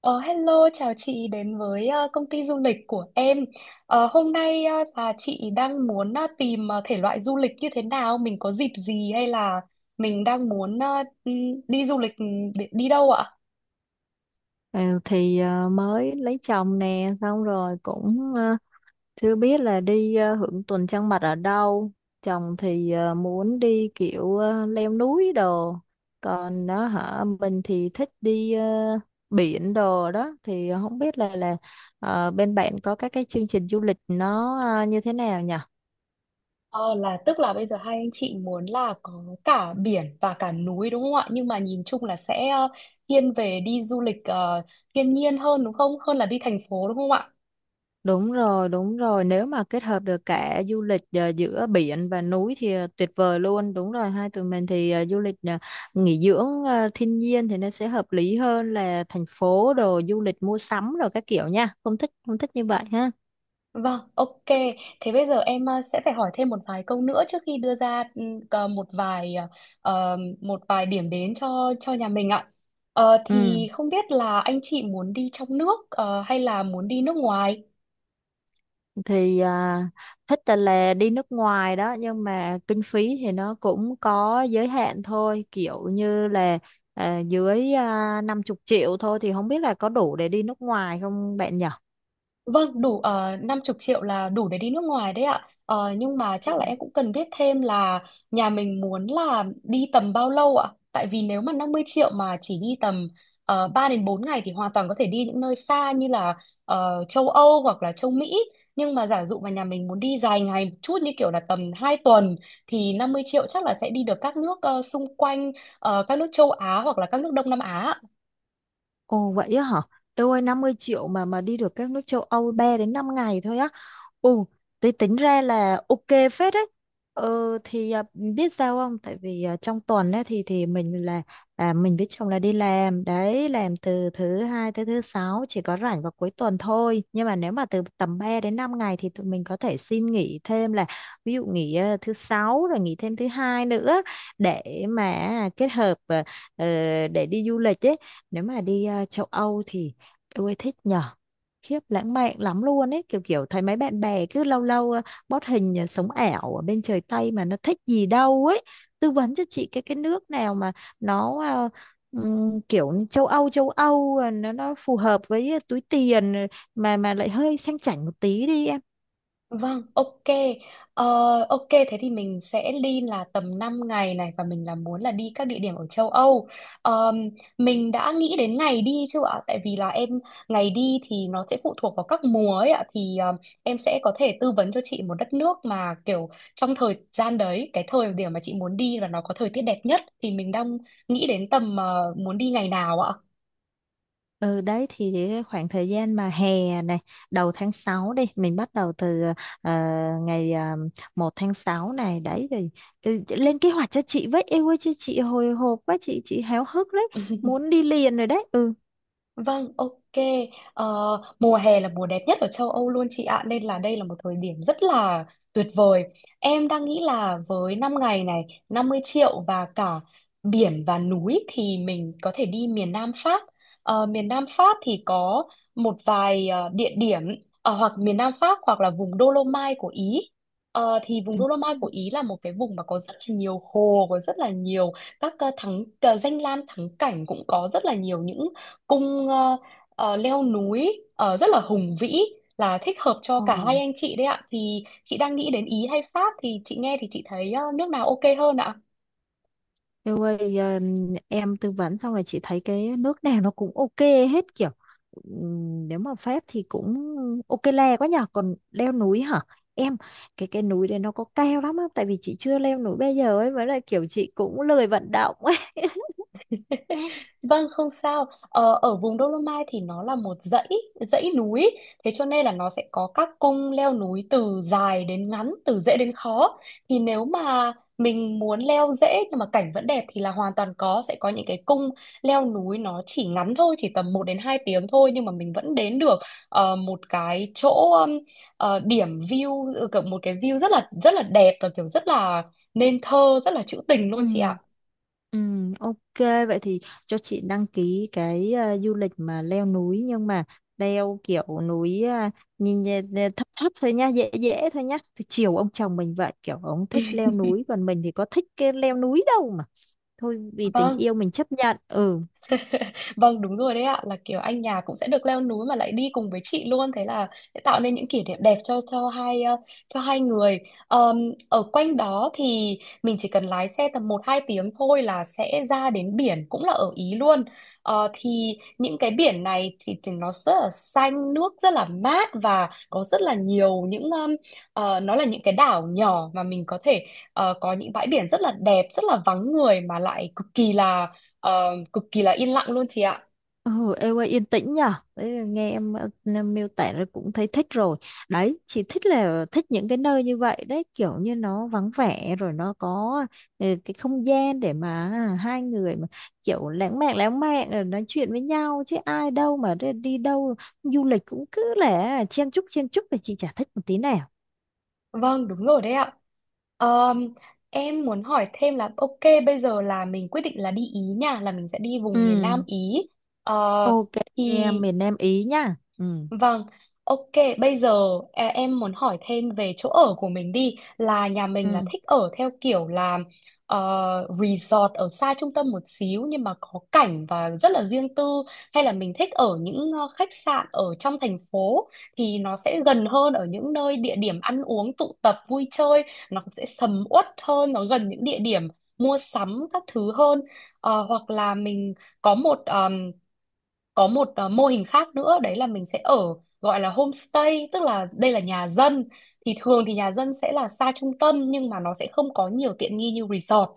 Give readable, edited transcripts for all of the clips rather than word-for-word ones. Ờ, Hello, chào chị đến với công ty du lịch của em. Hôm nay là chị đang muốn tìm thể loại du lịch như thế nào, mình có dịp gì hay là mình đang muốn ừ, đi du lịch, để đi đâu ạ? Ừ, thì mới lấy chồng nè xong rồi cũng chưa biết là đi hưởng tuần trăng mật ở đâu. Chồng thì muốn đi kiểu leo núi đồ. Còn nó hả, mình thì thích đi biển đồ đó. Thì không biết là bên bạn có các cái chương trình du lịch nó như thế nào nhỉ? Ờ, là tức là bây giờ hai anh chị muốn là có cả biển và cả núi đúng không ạ? Nhưng mà nhìn chung là sẽ thiên về đi du lịch thiên nhiên hơn đúng không? Hơn là đi thành phố đúng không ạ? Đúng rồi, đúng rồi. Nếu mà kết hợp được cả du lịch giữa biển và núi thì tuyệt vời luôn. Đúng rồi, hai tụi mình thì du lịch nghỉ dưỡng thiên nhiên thì nó sẽ hợp lý hơn là thành phố đồ du lịch mua sắm rồi các kiểu nha. Không thích, không thích như vậy ha. Vâng, ok. Thế bây giờ em sẽ phải hỏi thêm một vài câu nữa trước khi đưa ra cờ- một vài một vài điểm đến cho nhà mình ạ. Ừ, Thì không biết là anh chị muốn đi trong nước hay là muốn đi nước ngoài? thì à, thích là đi nước ngoài đó, nhưng mà kinh phí thì nó cũng có giới hạn thôi. Kiểu như là dưới 50 triệu thôi thì không biết là có đủ để đi nước ngoài không bạn nhỉ? Vâng, đủ 50 triệu là đủ để đi nước ngoài đấy ạ. Nhưng mà chắc là em cũng cần biết thêm là nhà mình muốn là đi tầm bao lâu ạ? Tại vì nếu mà 50 triệu mà chỉ đi tầm 3 đến bốn ngày thì hoàn toàn có thể đi những nơi xa như là châu Âu hoặc là châu Mỹ. Nhưng mà giả dụ mà nhà mình muốn đi dài ngày một chút như kiểu là tầm 2 tuần thì 50 triệu chắc là sẽ đi được các nước xung quanh, các nước châu Á hoặc là các nước Đông Nam Á. Ồ vậy á hả? Eo ơi, 50 triệu mà đi được các nước châu Âu 3 đến 5 ngày thôi á. Ồ, tí tính ra là ok phết đấy. Thì biết sao không? Tại vì trong tuần ấy, thì mình với chồng là đi làm đấy, làm từ thứ hai tới thứ sáu, chỉ có rảnh vào cuối tuần thôi. Nhưng mà nếu mà từ tầm 3 đến 5 ngày thì tụi mình có thể xin nghỉ thêm, là ví dụ nghỉ thứ sáu rồi nghỉ thêm thứ hai nữa để mà kết hợp ờ, để đi du lịch ấy. Nếu mà đi châu Âu thì tôi thích nhở, khiếp lãng mạn lắm luôn ấy. Kiểu kiểu thấy mấy bạn bè cứ lâu lâu post hình, sống ảo ở bên trời Tây mà nó thích gì đâu ấy. Tư vấn cho chị cái nước nào mà nó kiểu như châu Âu, nó phù hợp với túi tiền, mà lại hơi sang chảnh một tí đi em. Vâng, ok. Ờ, ok, thế thì mình sẽ đi là tầm 5 ngày này và mình là muốn là đi các địa điểm ở châu Âu. Ờm, mình đã nghĩ đến ngày đi chưa ạ? Tại vì là em ngày đi thì nó sẽ phụ thuộc vào các mùa ấy ạ. Thì em sẽ có thể tư vấn cho chị một đất nước mà kiểu trong thời gian đấy, cái thời điểm mà chị muốn đi là nó có thời tiết đẹp nhất. Thì mình đang nghĩ đến tầm muốn đi ngày nào ạ? Ừ đấy, thì cái khoảng thời gian mà hè này đầu tháng 6 đi, mình bắt đầu từ ờ, ngày 1 tháng 6 này đấy rồi. Lên kế hoạch cho chị với, yêu ơi, chứ chị hồi hộp quá, chị háo hức đấy, muốn đi liền rồi đấy ừ Vâng, ok. Ờ, Mùa hè là mùa đẹp nhất ở châu Âu luôn chị ạ, nên là đây là một thời điểm rất là tuyệt vời. Em đang nghĩ là với 5 ngày này, 50 triệu và cả biển và núi thì mình có thể đi miền Nam Pháp. Miền Nam Pháp thì có một vài địa điểm ở hoặc miền Nam Pháp hoặc là vùng Dolomite của Ý. Thì vùng Ừ. Dolomite của Ý là một cái vùng mà có rất là nhiều hồ, có rất là nhiều các danh lam thắng cảnh, cũng có rất là nhiều những cung leo núi rất là hùng vĩ, là thích hợp cho cả Ồ. hai anh chị đấy ạ. Thì chị đang nghĩ đến Ý hay Pháp, thì chị nghe thì chị thấy nước nào ok hơn ạ? Em ơi, em tư vấn xong rồi chị thấy cái nước nào nó cũng ok hết kiểu. Nếu mà Pháp thì cũng ok le quá nhở. Còn leo núi hả em, cái núi đấy nó có cao lắm không? Tại vì chị chưa leo núi bây giờ ấy, với lại kiểu chị cũng lười vận động ấy. Vâng, không sao. Ờ, Ở vùng Dolomite thì nó là một dãy dãy núi, thế cho nên là nó sẽ có các cung leo núi từ dài đến ngắn, từ dễ đến khó. Thì nếu mà mình muốn leo dễ nhưng mà cảnh vẫn đẹp thì là hoàn toàn có, sẽ có những cái cung leo núi nó chỉ ngắn thôi, chỉ tầm 1 đến 2 tiếng thôi, nhưng mà mình vẫn đến được một cái chỗ, um, điểm view, kiểu một cái view rất là đẹp, và kiểu rất là nên thơ, rất là trữ tình Ừ. luôn chị ạ. Ừ, ok, vậy thì cho chị đăng ký cái du lịch mà leo núi, nhưng mà leo kiểu núi, nhìn nhẹ- thấp thấp thôi nhá, dễ dễ thôi nhá, thì chiều ông chồng mình vậy. Kiểu ông thích leo núi còn mình thì có thích cái leo núi đâu, mà thôi, vì tình Vâng. yêu mình chấp nhận. Ừ. Vâng đúng rồi đấy ạ, là kiểu anh nhà cũng sẽ được leo núi mà lại đi cùng với chị luôn, thế là sẽ tạo nên những kỷ niệm đẹp cho cho hai người. Ờm, Ở quanh đó thì mình chỉ cần lái xe tầm một 2 tiếng thôi là sẽ ra đến biển cũng là ở Ý luôn. Thì những cái biển này thì nó rất là xanh, nước rất là mát, và có rất là nhiều những nó là những cái đảo nhỏ mà mình có thể có những bãi biển rất là đẹp, rất là vắng người mà lại cực kỳ là yên lặng luôn chị ạ. Ừ, em ơi, yên tĩnh nhở. Đấy, nghe em, em miêu tả rồi cũng thấy thích rồi đấy. Chỉ thích là thích những cái nơi như vậy đấy, kiểu như nó vắng vẻ rồi nó có cái không gian để mà hai người mà kiểu lãng mạn lãng mạn, rồi nói chuyện với nhau, chứ ai đâu mà đi đi đâu du lịch cũng cứ là chen chúc thì chị chả thích một tí nào. Vâng, đúng rồi đấy ạ. Ờm, em muốn hỏi thêm là, ok, bây giờ là mình quyết định là đi Ý nha, là mình sẽ đi Ừ, vùng miền Nam Ý. Ờ, ok thì em. Miền Nam Ý nhá. Ừ, Vâng, ok, bây giờ em muốn hỏi thêm về chỗ ở của mình đi, là nhà mình là ừ, thích ở theo kiểu là resort ở xa trung tâm một xíu nhưng mà có cảnh và rất là riêng tư, hay là mình thích ở những khách sạn ở trong thành phố thì nó sẽ gần hơn ở những nơi địa điểm ăn uống tụ tập vui chơi, nó cũng sẽ sầm uất hơn, nó gần những địa điểm mua sắm các thứ hơn. Hoặc là mình có một mô hình khác nữa, đấy là mình sẽ ở, gọi là homestay, tức là đây là nhà dân. Thì thường thì nhà dân sẽ là xa trung tâm nhưng mà nó sẽ không có nhiều tiện nghi như resort.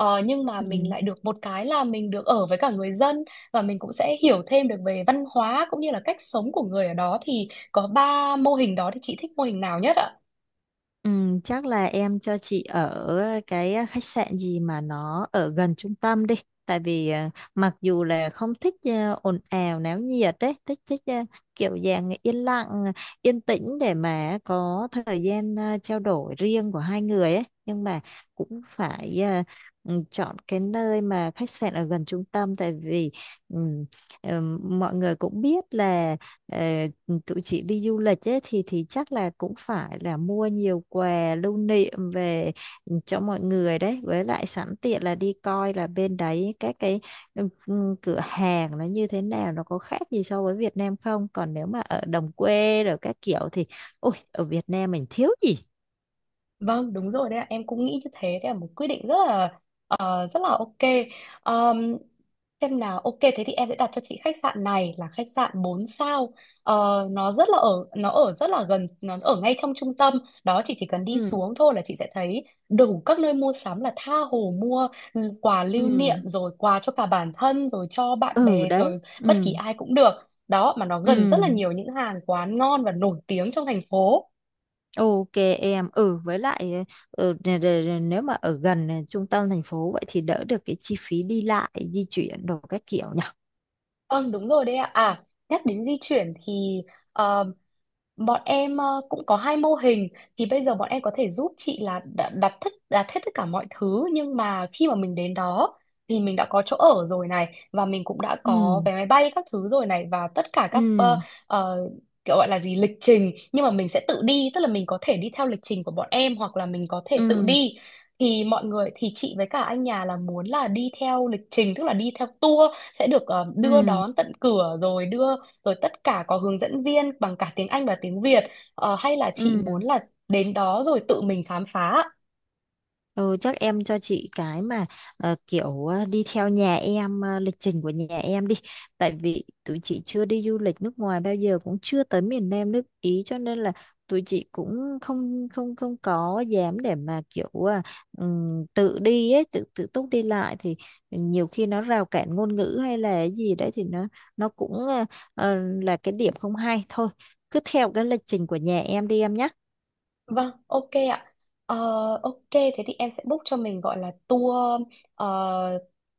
Nhưng mà mình ừ. lại được một cái là mình được ở với cả người dân, và mình cũng sẽ hiểu thêm được về văn hóa cũng như là cách sống của người ở đó. Thì có 3 mô hình đó, thì chị thích mô hình nào nhất ạ? Ừ, chắc là em cho chị ở cái khách sạn gì mà nó ở gần trung tâm đi. Tại vì mặc dù là không thích ồn ào náo nhiệt đấy, thích thích à, kiểu dạng yên lặng, yên tĩnh để mà có thời gian trao đổi riêng của hai người ấy. Nhưng mà cũng phải chọn cái nơi mà khách sạn ở gần trung tâm, tại vì ừ, mọi người cũng biết là ờ, tụi chị đi du lịch ấy, thì chắc là cũng phải là mua nhiều quà lưu niệm về cho mọi người đấy, với lại sẵn tiện là đi coi là bên đấy các cái cửa hàng nó như thế nào, nó có khác gì so với Việt Nam không. Còn nếu mà ở đồng quê rồi các kiểu thì ôi, ở Việt Nam mình thiếu gì. Vâng, đúng rồi đấy ạ. Em cũng nghĩ như thế. Đấy là một quyết định rất là ok. Ờm, xem nào, ok thế thì em sẽ đặt cho chị khách sạn này là khách sạn 4 sao. Nó rất là ở nó ở rất là gần, nó ở ngay trong trung tâm. Đó, chị chỉ cần đi Ừ, xuống thôi là chị sẽ thấy đủ các nơi mua sắm, là tha hồ mua quà lưu niệm, ừ, rồi quà cho cả bản thân, rồi cho bạn ừ bè, đấy. rồi bất kỳ Ừ, ai cũng được. Đó, mà nó ừ. gần rất là nhiều những hàng quán ngon và nổi tiếng trong thành phố. Ok em, ừ, với lại, nếu mà ở gần trung tâm thành phố vậy thì đỡ được cái chi phí đi lại di chuyển đồ các kiểu nhỉ. Vâng đúng rồi đấy ạ. À, nhắc đến di chuyển thì, ờ, bọn em cũng có 2 mô hình. Thì bây giờ bọn em có thể giúp chị là đặt hết tất cả mọi thứ, nhưng mà khi mà mình đến đó thì mình đã có chỗ ở rồi này, và mình cũng đã Ừ, có vé máy bay các thứ rồi này, và tất cả các ừ, ờ, kiểu gọi là gì, lịch trình, nhưng mà mình sẽ tự đi, tức là mình có thể đi theo lịch trình của bọn em hoặc là mình có ừ, thể tự đi. Thì mọi người, thì chị với cả anh nhà là muốn là đi theo lịch trình, tức là đi theo tour, sẽ được đưa ừ, đón tận cửa rồi, rồi tất cả có hướng dẫn viên bằng cả tiếng Anh và tiếng Việt. Hay là chị ừ. muốn là đến đó rồi tự mình khám phá ạ? Ừ, chắc em cho chị cái mà kiểu đi theo nhà em, lịch trình của nhà em đi, tại vì tụi chị chưa đi du lịch nước ngoài bao giờ, cũng chưa tới miền Nam nước Ý, cho nên là tụi chị cũng không không không có dám để mà kiểu tự đi ấy, tự tự túc đi lại, thì nhiều khi nó rào cản ngôn ngữ hay là cái gì đấy thì nó cũng ờ, là cái điểm không hay thôi. Cứ theo cái lịch trình của nhà em đi em nhé. Vâng, ok ạ. Ờ, ok, thế thì em sẽ book cho mình, gọi là tour, ờ,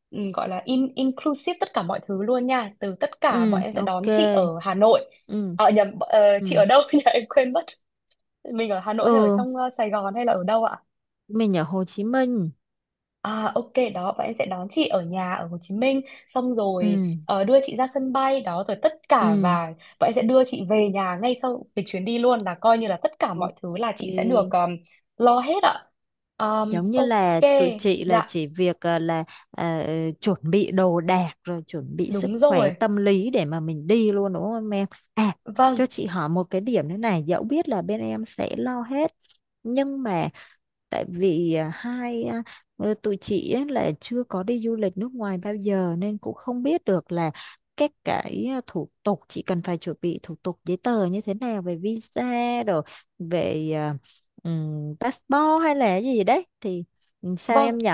ừ, gọi là inclusive tất cả mọi thứ luôn nha. Từ tất cả bọn Ừ, em sẽ ok. đón chị ở Hà Nội. Ừ, Nhầm, chị ừ. ở đâu nhỉ? Em quên mất. Mình ở Hà Nội hay ở Ừ, trong Sài Gòn hay là ở đâu ạ? mình ở Hồ Chí Minh. À, ok, đó bọn em sẽ đón chị ở nhà ở Hồ Chí Minh, xong Ừ, rồi đưa chị ra sân bay, đó rồi tất cả, ừ. và bọn em sẽ đưa chị về nhà ngay sau cái chuyến đi luôn, là coi như là tất cả Ok. mọi thứ là chị sẽ được lo hết ạ. Giống như Ok. là tụi chị là Dạ chỉ việc ờ, chuẩn bị đồ đạc rồi chuẩn bị sức đúng khỏe rồi. tâm lý để mà mình đi luôn, đúng không em? À, cho Vâng, chị hỏi một cái điểm nữa này, dẫu biết là bên em sẽ lo hết, nhưng mà tại vì tụi chị ấy là chưa có đi du lịch nước ngoài bao giờ, nên cũng không biết được là các cái thủ tục chị cần phải chuẩn bị, thủ tục giấy tờ như thế nào về visa, rồi về passport hay là gì đấy thì, sao vâng. em nhỉ?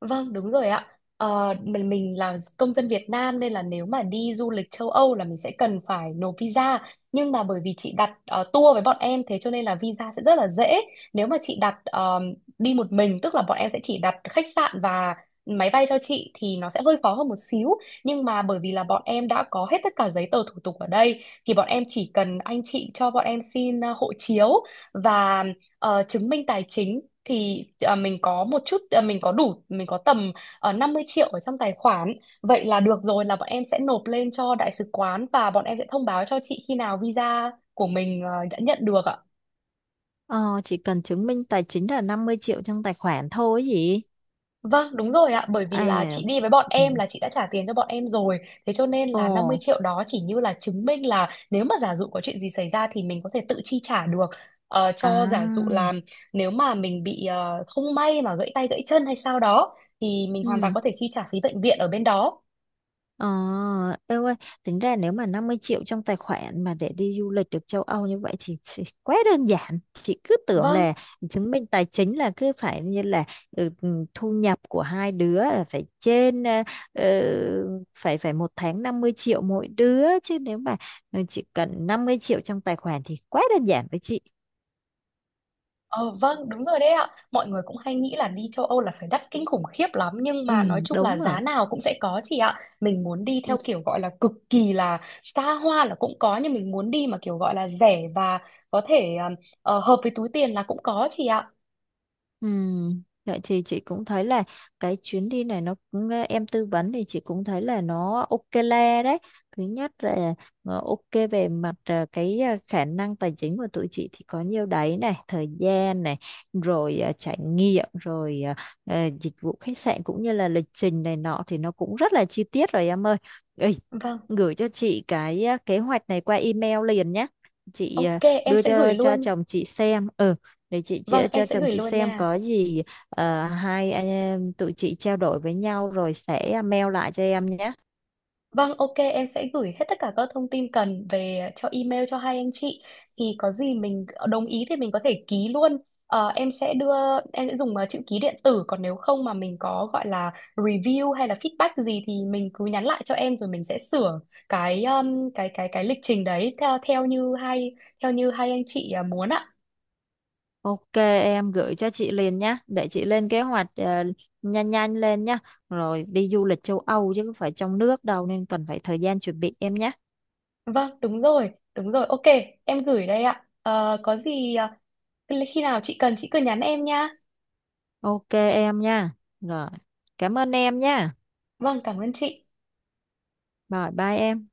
Vâng, đúng rồi ạ. Mình là công dân Việt Nam nên là nếu mà đi du lịch châu Âu là mình sẽ cần phải nộp visa. Nhưng mà bởi vì chị đặt tour với bọn em, thế cho nên là visa sẽ rất là dễ. Nếu mà chị đặt đi một mình, tức là bọn em sẽ chỉ đặt khách sạn và máy bay cho chị thì nó sẽ hơi khó hơn một xíu. Nhưng mà bởi vì là bọn em đã có hết tất cả giấy tờ thủ tục ở đây, thì bọn em chỉ cần anh chị cho bọn em xin hộ chiếu và chứng minh tài chính, thì à, mình có một chút à, mình có đủ mình có tầm 50 triệu ở trong tài khoản, vậy là được rồi, là bọn em sẽ nộp lên cho đại sứ quán và bọn em sẽ thông báo cho chị khi nào visa của mình đã nhận được ạ. Ờ, chỉ cần chứng minh tài chính là 50 triệu trong tài khoản thôi ấy gì? Vâng, đúng rồi ạ, bởi À, vì là chị đi với bọn ừ. em là chị đã trả tiền cho bọn em rồi. Thế cho nên Ồ, là 50 triệu đó chỉ như là chứng minh là nếu mà giả dụ có chuyện gì xảy ra thì mình có thể tự chi trả được. Cho giả dụ à, là nếu mà mình bị không may mà gãy tay gãy chân hay sao đó, thì mình hoàn toàn ừ. có thể chi trả phí bệnh viện ở bên đó. Ờ, em ơi, tính ra nếu mà 50 triệu trong tài khoản mà để đi du lịch được châu Âu như vậy thì quá đơn giản. Chị cứ tưởng Vâng, là chứng minh tài chính là cứ phải như là thu nhập của hai đứa là phải trên phải phải một tháng 50 triệu mỗi đứa. Chứ nếu mà chỉ cần 50 triệu trong tài khoản thì quá đơn giản với chị. ờ, vâng, đúng rồi đấy ạ. Mọi người cũng hay nghĩ là đi châu Âu là phải đắt kinh khủng khiếp lắm, nhưng mà Ừ, nói chung là đúng rồi. giá nào cũng sẽ có chị ạ. Mình muốn đi Ừ. theo kiểu gọi là cực kỳ là xa hoa là cũng có, nhưng mình muốn đi mà kiểu gọi là rẻ và có thể hợp với túi tiền là cũng có chị ạ. Ừ, vậy thì chị cũng thấy là cái chuyến đi này nó cũng, em tư vấn thì chị cũng thấy là nó ok le đấy. Thứ nhất là ok về mặt cái khả năng tài chính của tụi chị thì có nhiêu đấy này, thời gian này, rồi trải nghiệm, rồi dịch vụ khách sạn cũng như là lịch trình này nọ thì nó cũng rất là chi tiết rồi em ơi. Ê, Vâng, gửi cho chị cái kế hoạch này qua email liền nhé. Chị ok, ờ, em đưa sẽ gửi cho luôn. chồng chị xem. Ừ, để chị Vâng, em cho sẽ chồng gửi chị luôn xem nha. có gì, hai anh em tụi chị trao đổi với nhau rồi sẽ mail lại cho em nhé. Vâng, ok, em sẽ gửi hết tất cả các thông tin cần về, cho email cho hai anh chị. Thì có gì mình đồng ý thì mình có thể ký luôn. Ờ, em sẽ đưa Em sẽ dùng chữ ký điện tử, còn nếu không mà mình có gọi là review hay là feedback gì thì mình cứ nhắn lại cho em rồi mình sẽ sửa cái lịch trình đấy theo theo như hai anh chị muốn ạ. Ok em, gửi cho chị liền nhé, để chị lên kế hoạch, nhanh nhanh lên nhé, rồi đi du lịch châu Âu chứ không phải trong nước đâu nên cần phải thời gian chuẩn bị em nhé. Vâng, đúng rồi, đúng rồi. Ok, em gửi đây ạ. Ờ, có gì, khi nào chị cần chị cứ nhắn em nha. Ok em nha. Rồi cảm ơn em nha. Vâng, cảm ơn chị. Rồi bye em.